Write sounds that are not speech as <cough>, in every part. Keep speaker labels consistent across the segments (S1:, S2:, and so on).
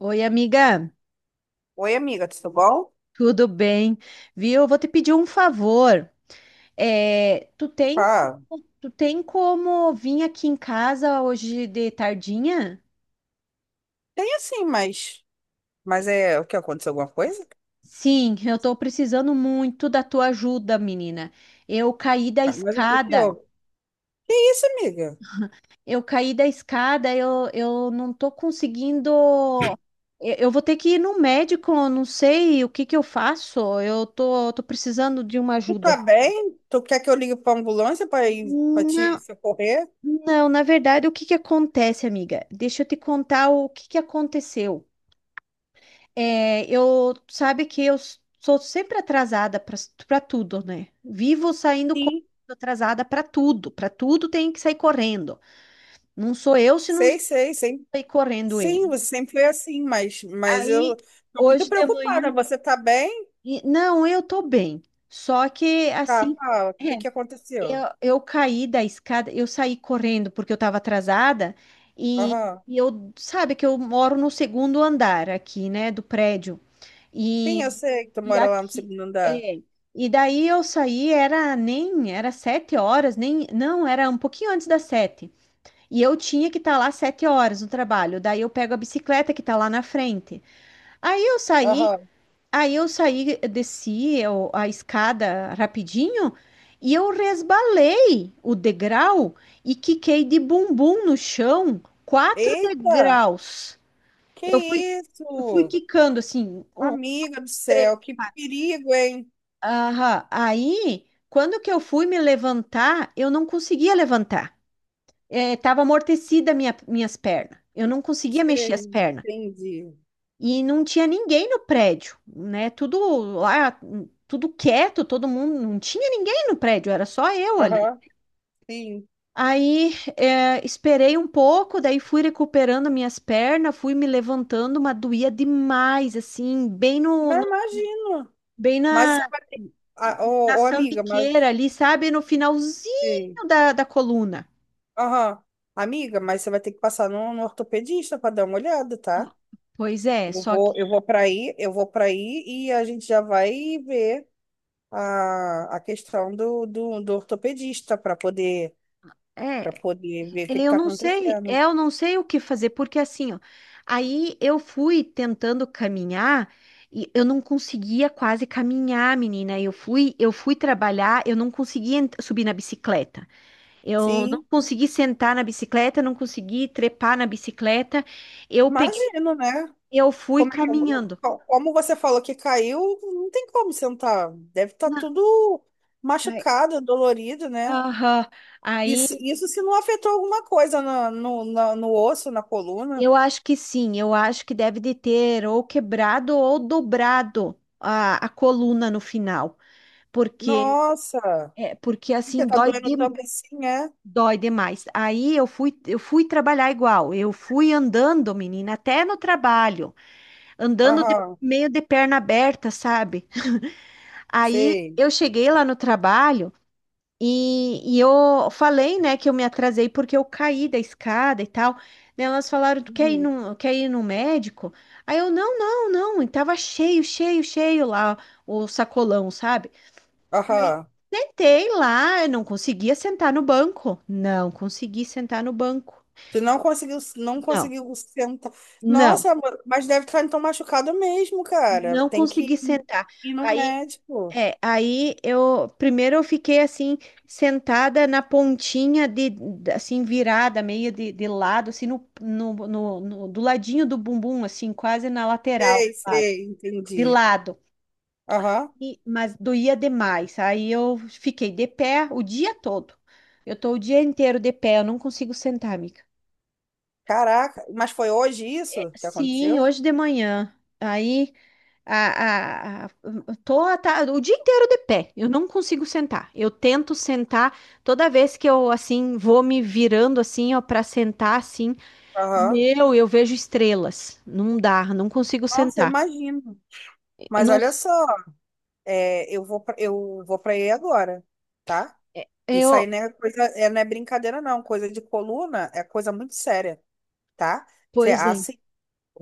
S1: Oi, amiga,
S2: Oi, amiga, tudo bom?
S1: tudo bem? Viu? Eu vou te pedir um favor. É, tu tem,
S2: Pá,
S1: tu tem como vir aqui em casa hoje de tardinha?
S2: tem assim, mas. Mas é. O que aconteceu? Alguma coisa?
S1: Sim, eu tô precisando muito da tua ajuda, menina. Eu caí da
S2: Ah, mas o que que
S1: escada.
S2: houve? Que isso, amiga?
S1: Eu caí da escada, eu não tô conseguindo. Eu vou ter que ir no médico, eu não sei o que que eu faço. Eu tô precisando de uma
S2: Tu tá
S1: ajuda.
S2: bem? Tu quer que eu ligue pra ambulância pra ir pra
S1: Não.
S2: te socorrer?
S1: Não, na verdade, o que que acontece, amiga? Deixa eu te contar o que que aconteceu. É, eu sabe que eu sou sempre atrasada para tudo, né? Vivo saindo correndo
S2: Sim.
S1: atrasada para tudo tem que sair correndo. Não sou eu se não
S2: Sei, sei, sei.
S1: sair correndo ele.
S2: Sim, você sempre foi assim, mas eu
S1: Aí
S2: tô muito
S1: hoje de manhã,
S2: preocupada. Você tá bem?
S1: não, eu tô bem. Só que
S2: Tá,
S1: assim,
S2: fala. O que
S1: é,
S2: que aconteceu?
S1: eu caí da escada, eu saí correndo porque eu estava atrasada e,
S2: Aham.
S1: e eu, sabe que eu moro no segundo andar aqui, né, do prédio.
S2: Sim,
S1: E,
S2: eu sei que tu
S1: e
S2: mora lá no
S1: aqui,
S2: segundo andar.
S1: é, e daí eu saí, era nem, era 7h, nem, não, era um pouquinho antes das sete. E eu tinha que estar lá 7h no trabalho. Daí eu pego a bicicleta que está lá na frente. Aí eu saí
S2: Aham.
S1: Aí eu saí, desci a escada rapidinho e eu resbalei o degrau e quiquei de bumbum no chão, quatro
S2: Eita!
S1: degraus.
S2: Que
S1: Eu fui, eu fui
S2: isso?
S1: quicando assim, um,
S2: Amiga do
S1: dois, três.
S2: céu, que perigo, hein?
S1: Aham. Aí, quando que eu fui me levantar, eu não conseguia levantar. Estava amortecida minhas pernas. Eu não conseguia mexer as
S2: Sei,
S1: pernas.
S2: entendi.
S1: E não tinha ninguém no prédio, né? Tudo lá, tudo quieto, todo mundo, não tinha ninguém no prédio, era só eu ali.
S2: Aham, sim.
S1: Aí, esperei um pouco, daí fui recuperando minhas pernas, fui me levantando, mas doía demais, assim, bem no,
S2: Mas
S1: no-
S2: imagino.
S1: bem
S2: Mas
S1: na,
S2: você vai ter. Ah,
S1: na
S2: ô, ô, amiga,
S1: sambiqueira
S2: mas.
S1: ali, sabe? No
S2: Sim.
S1: finalzinho da coluna.
S2: Aham. Amiga, mas você vai ter que passar no ortopedista para dar uma olhada, tá?
S1: Pois é,
S2: Eu
S1: só que.
S2: vou, eu vou para aí e a gente já vai ver a questão do ortopedista para
S1: É,
S2: poder ver o que
S1: Eu
S2: está
S1: não sei,
S2: acontecendo.
S1: é, eu não sei o que fazer, porque assim, ó, aí eu fui tentando caminhar e eu não conseguia quase caminhar, menina. Eu fui trabalhar, eu não conseguia subir na bicicleta. Eu não
S2: Sim,
S1: consegui sentar na bicicleta, não consegui trepar na bicicleta. Eu peguei,
S2: imagino, né?
S1: eu fui
S2: Como é que eu
S1: caminhando.
S2: como você falou que caiu, não tem como sentar. Deve estar
S1: Na-
S2: tudo
S1: Ai,
S2: machucado, dolorido, né?
S1: aham.
S2: Isso,
S1: Aí
S2: isso se não afetou alguma coisa no osso, na coluna.
S1: eu acho que sim, eu acho que deve de ter ou quebrado ou dobrado a coluna no final. porque
S2: Nossa,
S1: porque
S2: porque
S1: assim
S2: tá
S1: dói
S2: doendo
S1: de-
S2: tanto assim, é?
S1: dói demais. Aí eu fui trabalhar igual. Eu fui andando, menina, até no trabalho, andando
S2: Aham,
S1: meio de perna aberta, sabe? <laughs> Aí
S2: sei.
S1: eu cheguei lá no trabalho e eu falei, né, que eu me atrasei porque eu caí da escada e tal. Daí elas falaram, tu quer ir
S2: Uhum.
S1: no, quer ir no médico? Aí, não, não, não, e tava cheio, cheio, cheio lá o sacolão, sabe? Aí
S2: Aham.
S1: sentei lá, eu não conseguia sentar no banco. Não consegui sentar no banco.
S2: Tu não conseguiu, não
S1: Não,
S2: conseguiu sentar.
S1: não,
S2: Nossa, amor, mas deve estar então machucado mesmo, cara.
S1: não
S2: Tem
S1: consegui
S2: que ir
S1: sentar.
S2: ir no
S1: Aí,
S2: médico.
S1: aí, eu primeiro eu fiquei assim sentada na pontinha assim virada meio de lado, assim do ladinho do bumbum, assim quase na lateral,
S2: Sei,
S1: lado,
S2: sei,
S1: de
S2: entendi.
S1: lado.
S2: Aham.
S1: Mas doía demais. Aí eu fiquei de pé o dia todo. Eu tô o dia inteiro de pé, eu não consigo sentar, amiga.
S2: Caraca, mas foi hoje isso que
S1: Sim,
S2: aconteceu?
S1: hoje de manhã. Aí, a, a, a- tô o dia inteiro de pé. Eu não consigo sentar. Eu tento sentar toda vez que eu assim vou me virando assim, ó, para sentar assim.
S2: Aham.
S1: Meu, eu vejo estrelas. Não dá, não consigo
S2: Nossa,
S1: sentar.
S2: imagino.
S1: Eu
S2: Mas
S1: não,
S2: olha só, é, eu vou para aí agora, tá?
S1: é,
S2: Isso
S1: eu,
S2: aí não é coisa, é, não é brincadeira não, coisa de coluna é coisa muito séria, tá? Você,
S1: Pois é.
S2: assim,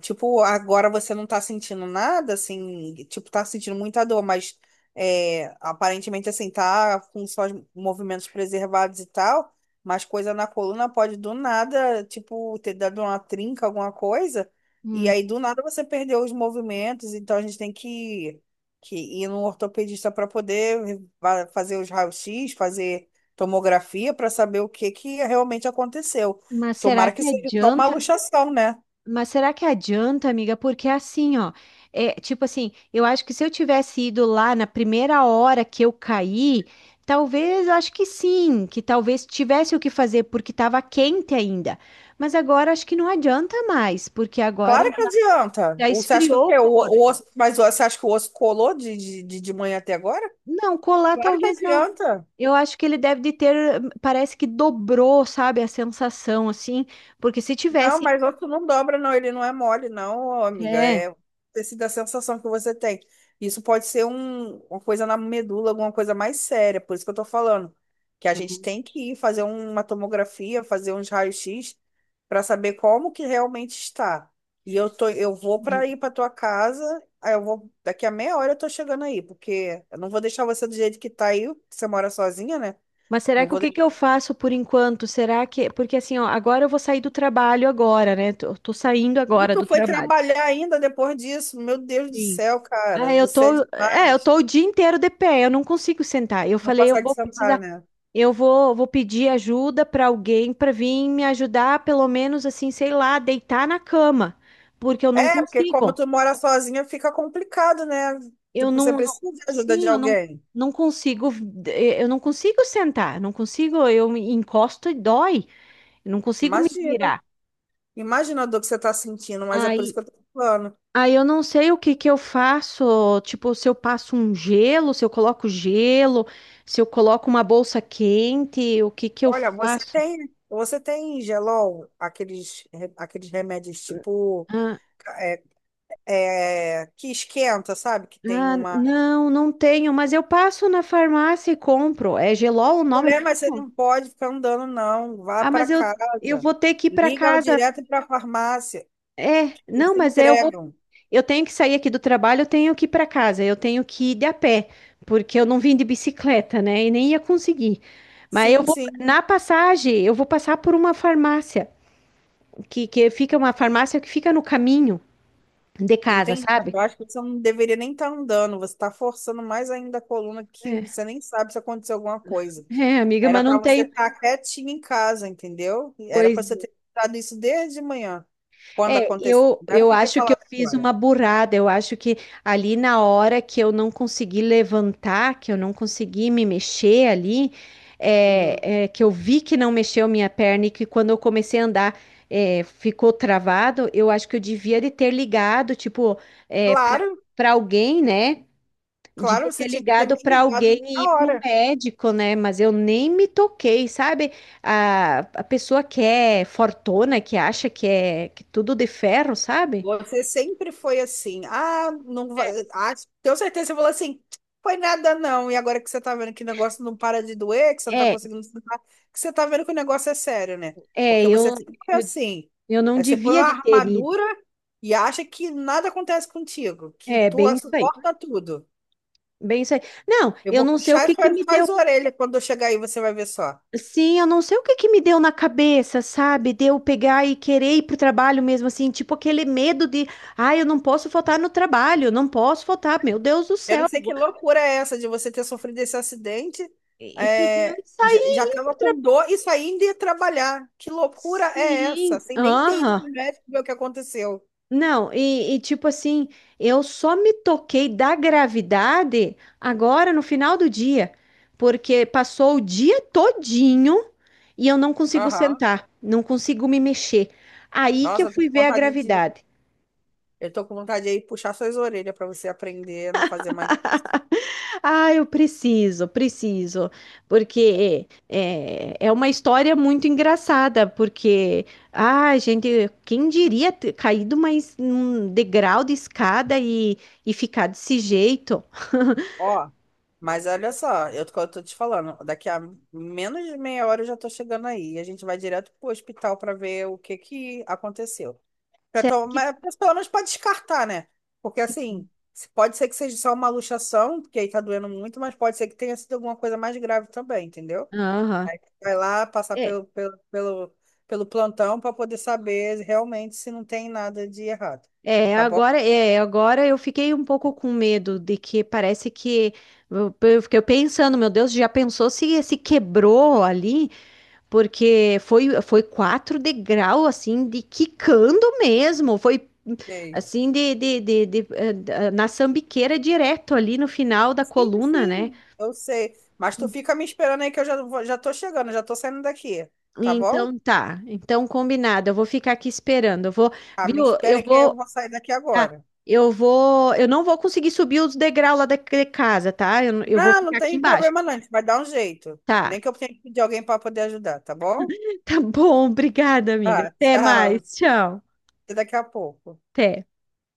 S2: tipo, agora você não tá sentindo nada, assim, tipo, tá sentindo muita dor, mas é, aparentemente, assim, tá com só os movimentos preservados e tal, mas coisa na coluna pode do nada, tipo, ter dado uma trinca, alguma coisa, e
S1: Hum,
S2: aí do nada você perdeu os movimentos, então a gente tem que ir num ortopedista para poder fazer os raios-x, fazer tomografia para saber o que que realmente aconteceu.
S1: Mas será
S2: Tomara que
S1: que
S2: seja só uma
S1: adianta?
S2: luxação, né?
S1: Mas será que adianta, amiga? Porque assim, ó, é tipo assim, eu acho que se eu tivesse ido lá na primeira hora que eu caí, talvez, eu acho que sim, que talvez tivesse o que fazer porque estava quente ainda. Mas agora acho que não adianta mais, porque agora
S2: Claro que adianta.
S1: já
S2: Ou você acha que o
S1: esfriou o
S2: quê? O
S1: corpo.
S2: osso, mas você acha que o osso colou de manhã até agora?
S1: Não, colar
S2: Claro que
S1: talvez não.
S2: adianta.
S1: Eu acho que ele deve de ter, parece que dobrou, sabe, a sensação assim, porque se
S2: Não,
S1: tivesse,
S2: mas outro não dobra, não. Ele não é mole, não, ô, amiga.
S1: é.
S2: É tecido da sensação que você tem. Isso pode ser uma coisa na medula, alguma coisa mais séria. Por isso que eu tô falando. Que a gente tem que ir fazer uma tomografia, fazer uns raios-x para saber como que realmente está. Eu vou para ir para tua casa. Aí eu vou, daqui a meia hora eu tô chegando aí, porque eu não vou deixar você do jeito que tá aí. Você mora sozinha, né?
S1: Mas será
S2: Não
S1: que o
S2: vou
S1: que que eu faço por enquanto? Será que. Porque assim, ó, agora eu vou sair do trabalho agora, né? Tô saindo
S2: E
S1: agora
S2: tu
S1: do
S2: foi
S1: trabalho.
S2: trabalhar ainda depois disso. Meu Deus do
S1: Sim.
S2: céu,
S1: Ah,
S2: cara.
S1: eu
S2: Você é
S1: tô. É, eu
S2: demais.
S1: tô o dia inteiro de pé, eu não consigo sentar. Eu
S2: Não
S1: falei, eu
S2: consegue
S1: vou
S2: sentar,
S1: precisar.
S2: né?
S1: Eu vou pedir ajuda pra alguém pra vir me ajudar, pelo menos assim, sei lá, deitar na cama. Porque eu não
S2: É, porque como
S1: consigo.
S2: tu mora sozinha, fica complicado, né?
S1: Eu
S2: Tipo, você
S1: não, não-
S2: precisa de ajuda de
S1: sim, eu não,
S2: alguém.
S1: não consigo. Eu não consigo sentar. Não consigo, eu me encosto e dói. Eu não consigo me
S2: Imagina.
S1: virar.
S2: Imagina a dor que você tá sentindo, mas é por isso
S1: Aí,
S2: que eu tô falando.
S1: aí eu não sei o que que eu faço, tipo, se eu passo um gelo, se eu coloco gelo, se eu coloco uma bolsa quente, o que que eu
S2: Olha,
S1: faço?
S2: você tem Gelol, aqueles, aqueles remédios tipo
S1: Ah,
S2: é, é, que esquenta, sabe? Que tem
S1: ah,
S2: uma.
S1: não, não tenho, mas eu passo na farmácia e compro. É gelol o nome
S2: Mulher, mas você
S1: mesmo?
S2: não pode ficar andando, não. Vá
S1: Ah,
S2: para
S1: mas eu
S2: casa.
S1: vou ter que ir para
S2: Liga
S1: casa.
S2: direto para a farmácia. Eles
S1: Não, mas eu vou.
S2: entregam.
S1: Eu tenho que sair aqui do trabalho, eu tenho que ir para casa, eu tenho que ir de a pé, porque eu não vim de bicicleta, né? E nem ia conseguir. Mas eu
S2: Sim,
S1: vou,
S2: sim.
S1: na passagem, eu vou passar por uma farmácia, que fica uma farmácia que fica no caminho de casa,
S2: Entendi, mas
S1: sabe?
S2: eu acho que você não deveria nem estar andando. Você está forçando mais ainda a coluna que
S1: É,
S2: você nem sabe se aconteceu alguma coisa.
S1: Amiga,
S2: Era
S1: mas
S2: para
S1: não
S2: você
S1: tenho.
S2: estar quietinha em casa, entendeu? Era para
S1: Pois
S2: você ter dado isso desde de manhã, quando
S1: É,
S2: aconteceu.
S1: eu,
S2: Não era
S1: eu
S2: para ter
S1: acho que eu
S2: falado
S1: fiz
S2: agora.
S1: uma burrada. Eu acho que ali na hora que eu não consegui levantar, que eu não consegui me mexer ali,
S2: Uhum.
S1: que eu vi que não mexeu minha perna e que quando eu comecei a andar, ficou travado, eu acho que eu devia de ter ligado, tipo, para
S2: Claro,
S1: para alguém, né?
S2: claro,
S1: Devia ter
S2: você tinha que ter
S1: ligado
S2: me
S1: para
S2: ligado
S1: alguém e ir
S2: na
S1: para o
S2: hora.
S1: médico, né? Mas eu nem me toquei, sabe? A pessoa que é fortona, que acha que é que tudo de ferro, sabe?
S2: Você sempre foi assim, ah, não vai, ah, tenho certeza, que você falou assim, foi nada não, e agora que você tá vendo que o negócio não para de doer, que você não tá
S1: É,
S2: conseguindo se limpar, que você tá vendo que o negócio é sério, né?
S1: é,
S2: Porque você
S1: eu,
S2: sempre foi
S1: eu,
S2: assim,
S1: eu não
S2: aí você põe
S1: devia
S2: uma
S1: de ter ido.
S2: armadura e acha que nada acontece contigo, que
S1: É,
S2: tu
S1: bem isso aí,
S2: suporta tudo.
S1: bem isso aí. Não,
S2: Eu
S1: eu
S2: vou
S1: não sei o
S2: puxar
S1: que
S2: as
S1: que me deu.
S2: suas orelhas quando eu chegar aí, você vai ver só.
S1: Sim, eu não sei o que que me deu na cabeça, sabe? De eu pegar e querer ir pro trabalho mesmo, assim, tipo aquele medo de, ah, eu não posso faltar no trabalho, eu não posso faltar, meu Deus do
S2: Eu
S1: céu.
S2: não sei que loucura é essa de você ter sofrido esse acidente,
S1: E pedir
S2: é,
S1: isso aí
S2: já
S1: ir
S2: tava
S1: pro
S2: com
S1: trabalho.
S2: dor e só ainda ia trabalhar. Que loucura é essa?
S1: Sim,
S2: Sem nem ter ido
S1: aham.
S2: no médico ver o que aconteceu.
S1: Não, e tipo assim, eu só me toquei da gravidade agora no final do dia, porque passou o dia todinho e eu não consigo
S2: Aham.
S1: sentar, não consigo me mexer. Aí que eu
S2: Nossa, eu tô
S1: fui
S2: com
S1: ver a
S2: vontade de.
S1: gravidade.
S2: Eu tô com vontade aí puxar suas orelhas pra você aprender a não fazer mais.
S1: Ah, eu preciso, preciso, porque é uma história muito engraçada, porque, ah, gente, quem diria ter caído mais um degrau de escada e ficar desse jeito?
S2: Ó, mas olha só, eu tô te falando, daqui a menos de meia hora eu já tô chegando aí. A gente vai direto pro hospital pra ver o que que aconteceu. Pra
S1: Será que...
S2: tomar, mas pelo menos pra descartar, né? Porque assim, pode ser que seja só uma luxação, porque aí tá doendo muito, mas pode ser que tenha sido alguma coisa mais grave também, entendeu?
S1: Aham.
S2: Aí vai lá passar
S1: É,
S2: pelo plantão pra poder saber realmente se não tem nada de errado.
S1: é,
S2: Tá bom?
S1: agora, é, agora eu fiquei um pouco com medo de que parece que... Eu fiquei pensando, meu Deus, já pensou se quebrou ali? Porque foi quatro degrau, assim, de quicando mesmo. Foi,
S2: Sei.
S1: assim, na sambiqueira direto ali no final da
S2: Sim,
S1: coluna, né?
S2: sim, eu sei. Mas tu fica me esperando aí que eu já, já tô chegando, já tô saindo daqui. Tá bom?
S1: Então tá. Então combinado. Eu vou ficar aqui esperando. Eu vou,
S2: Ah, me
S1: viu?
S2: espera
S1: Eu
S2: aí que eu
S1: vou.
S2: vou sair daqui
S1: Tá.
S2: agora.
S1: Eu vou, eu não vou conseguir subir os degraus lá da de casa, tá? Eu vou
S2: Não, não
S1: ficar aqui
S2: tem
S1: embaixo.
S2: problema não, a gente vai dar um jeito.
S1: Tá.
S2: Nem que eu tenha que pedir alguém para poder ajudar, tá bom?
S1: <laughs> Tá bom, obrigada,
S2: Tá,
S1: amiga.
S2: <laughs>
S1: Até
S2: tchau.
S1: mais. Tchau.
S2: Até daqui a pouco.
S1: Até.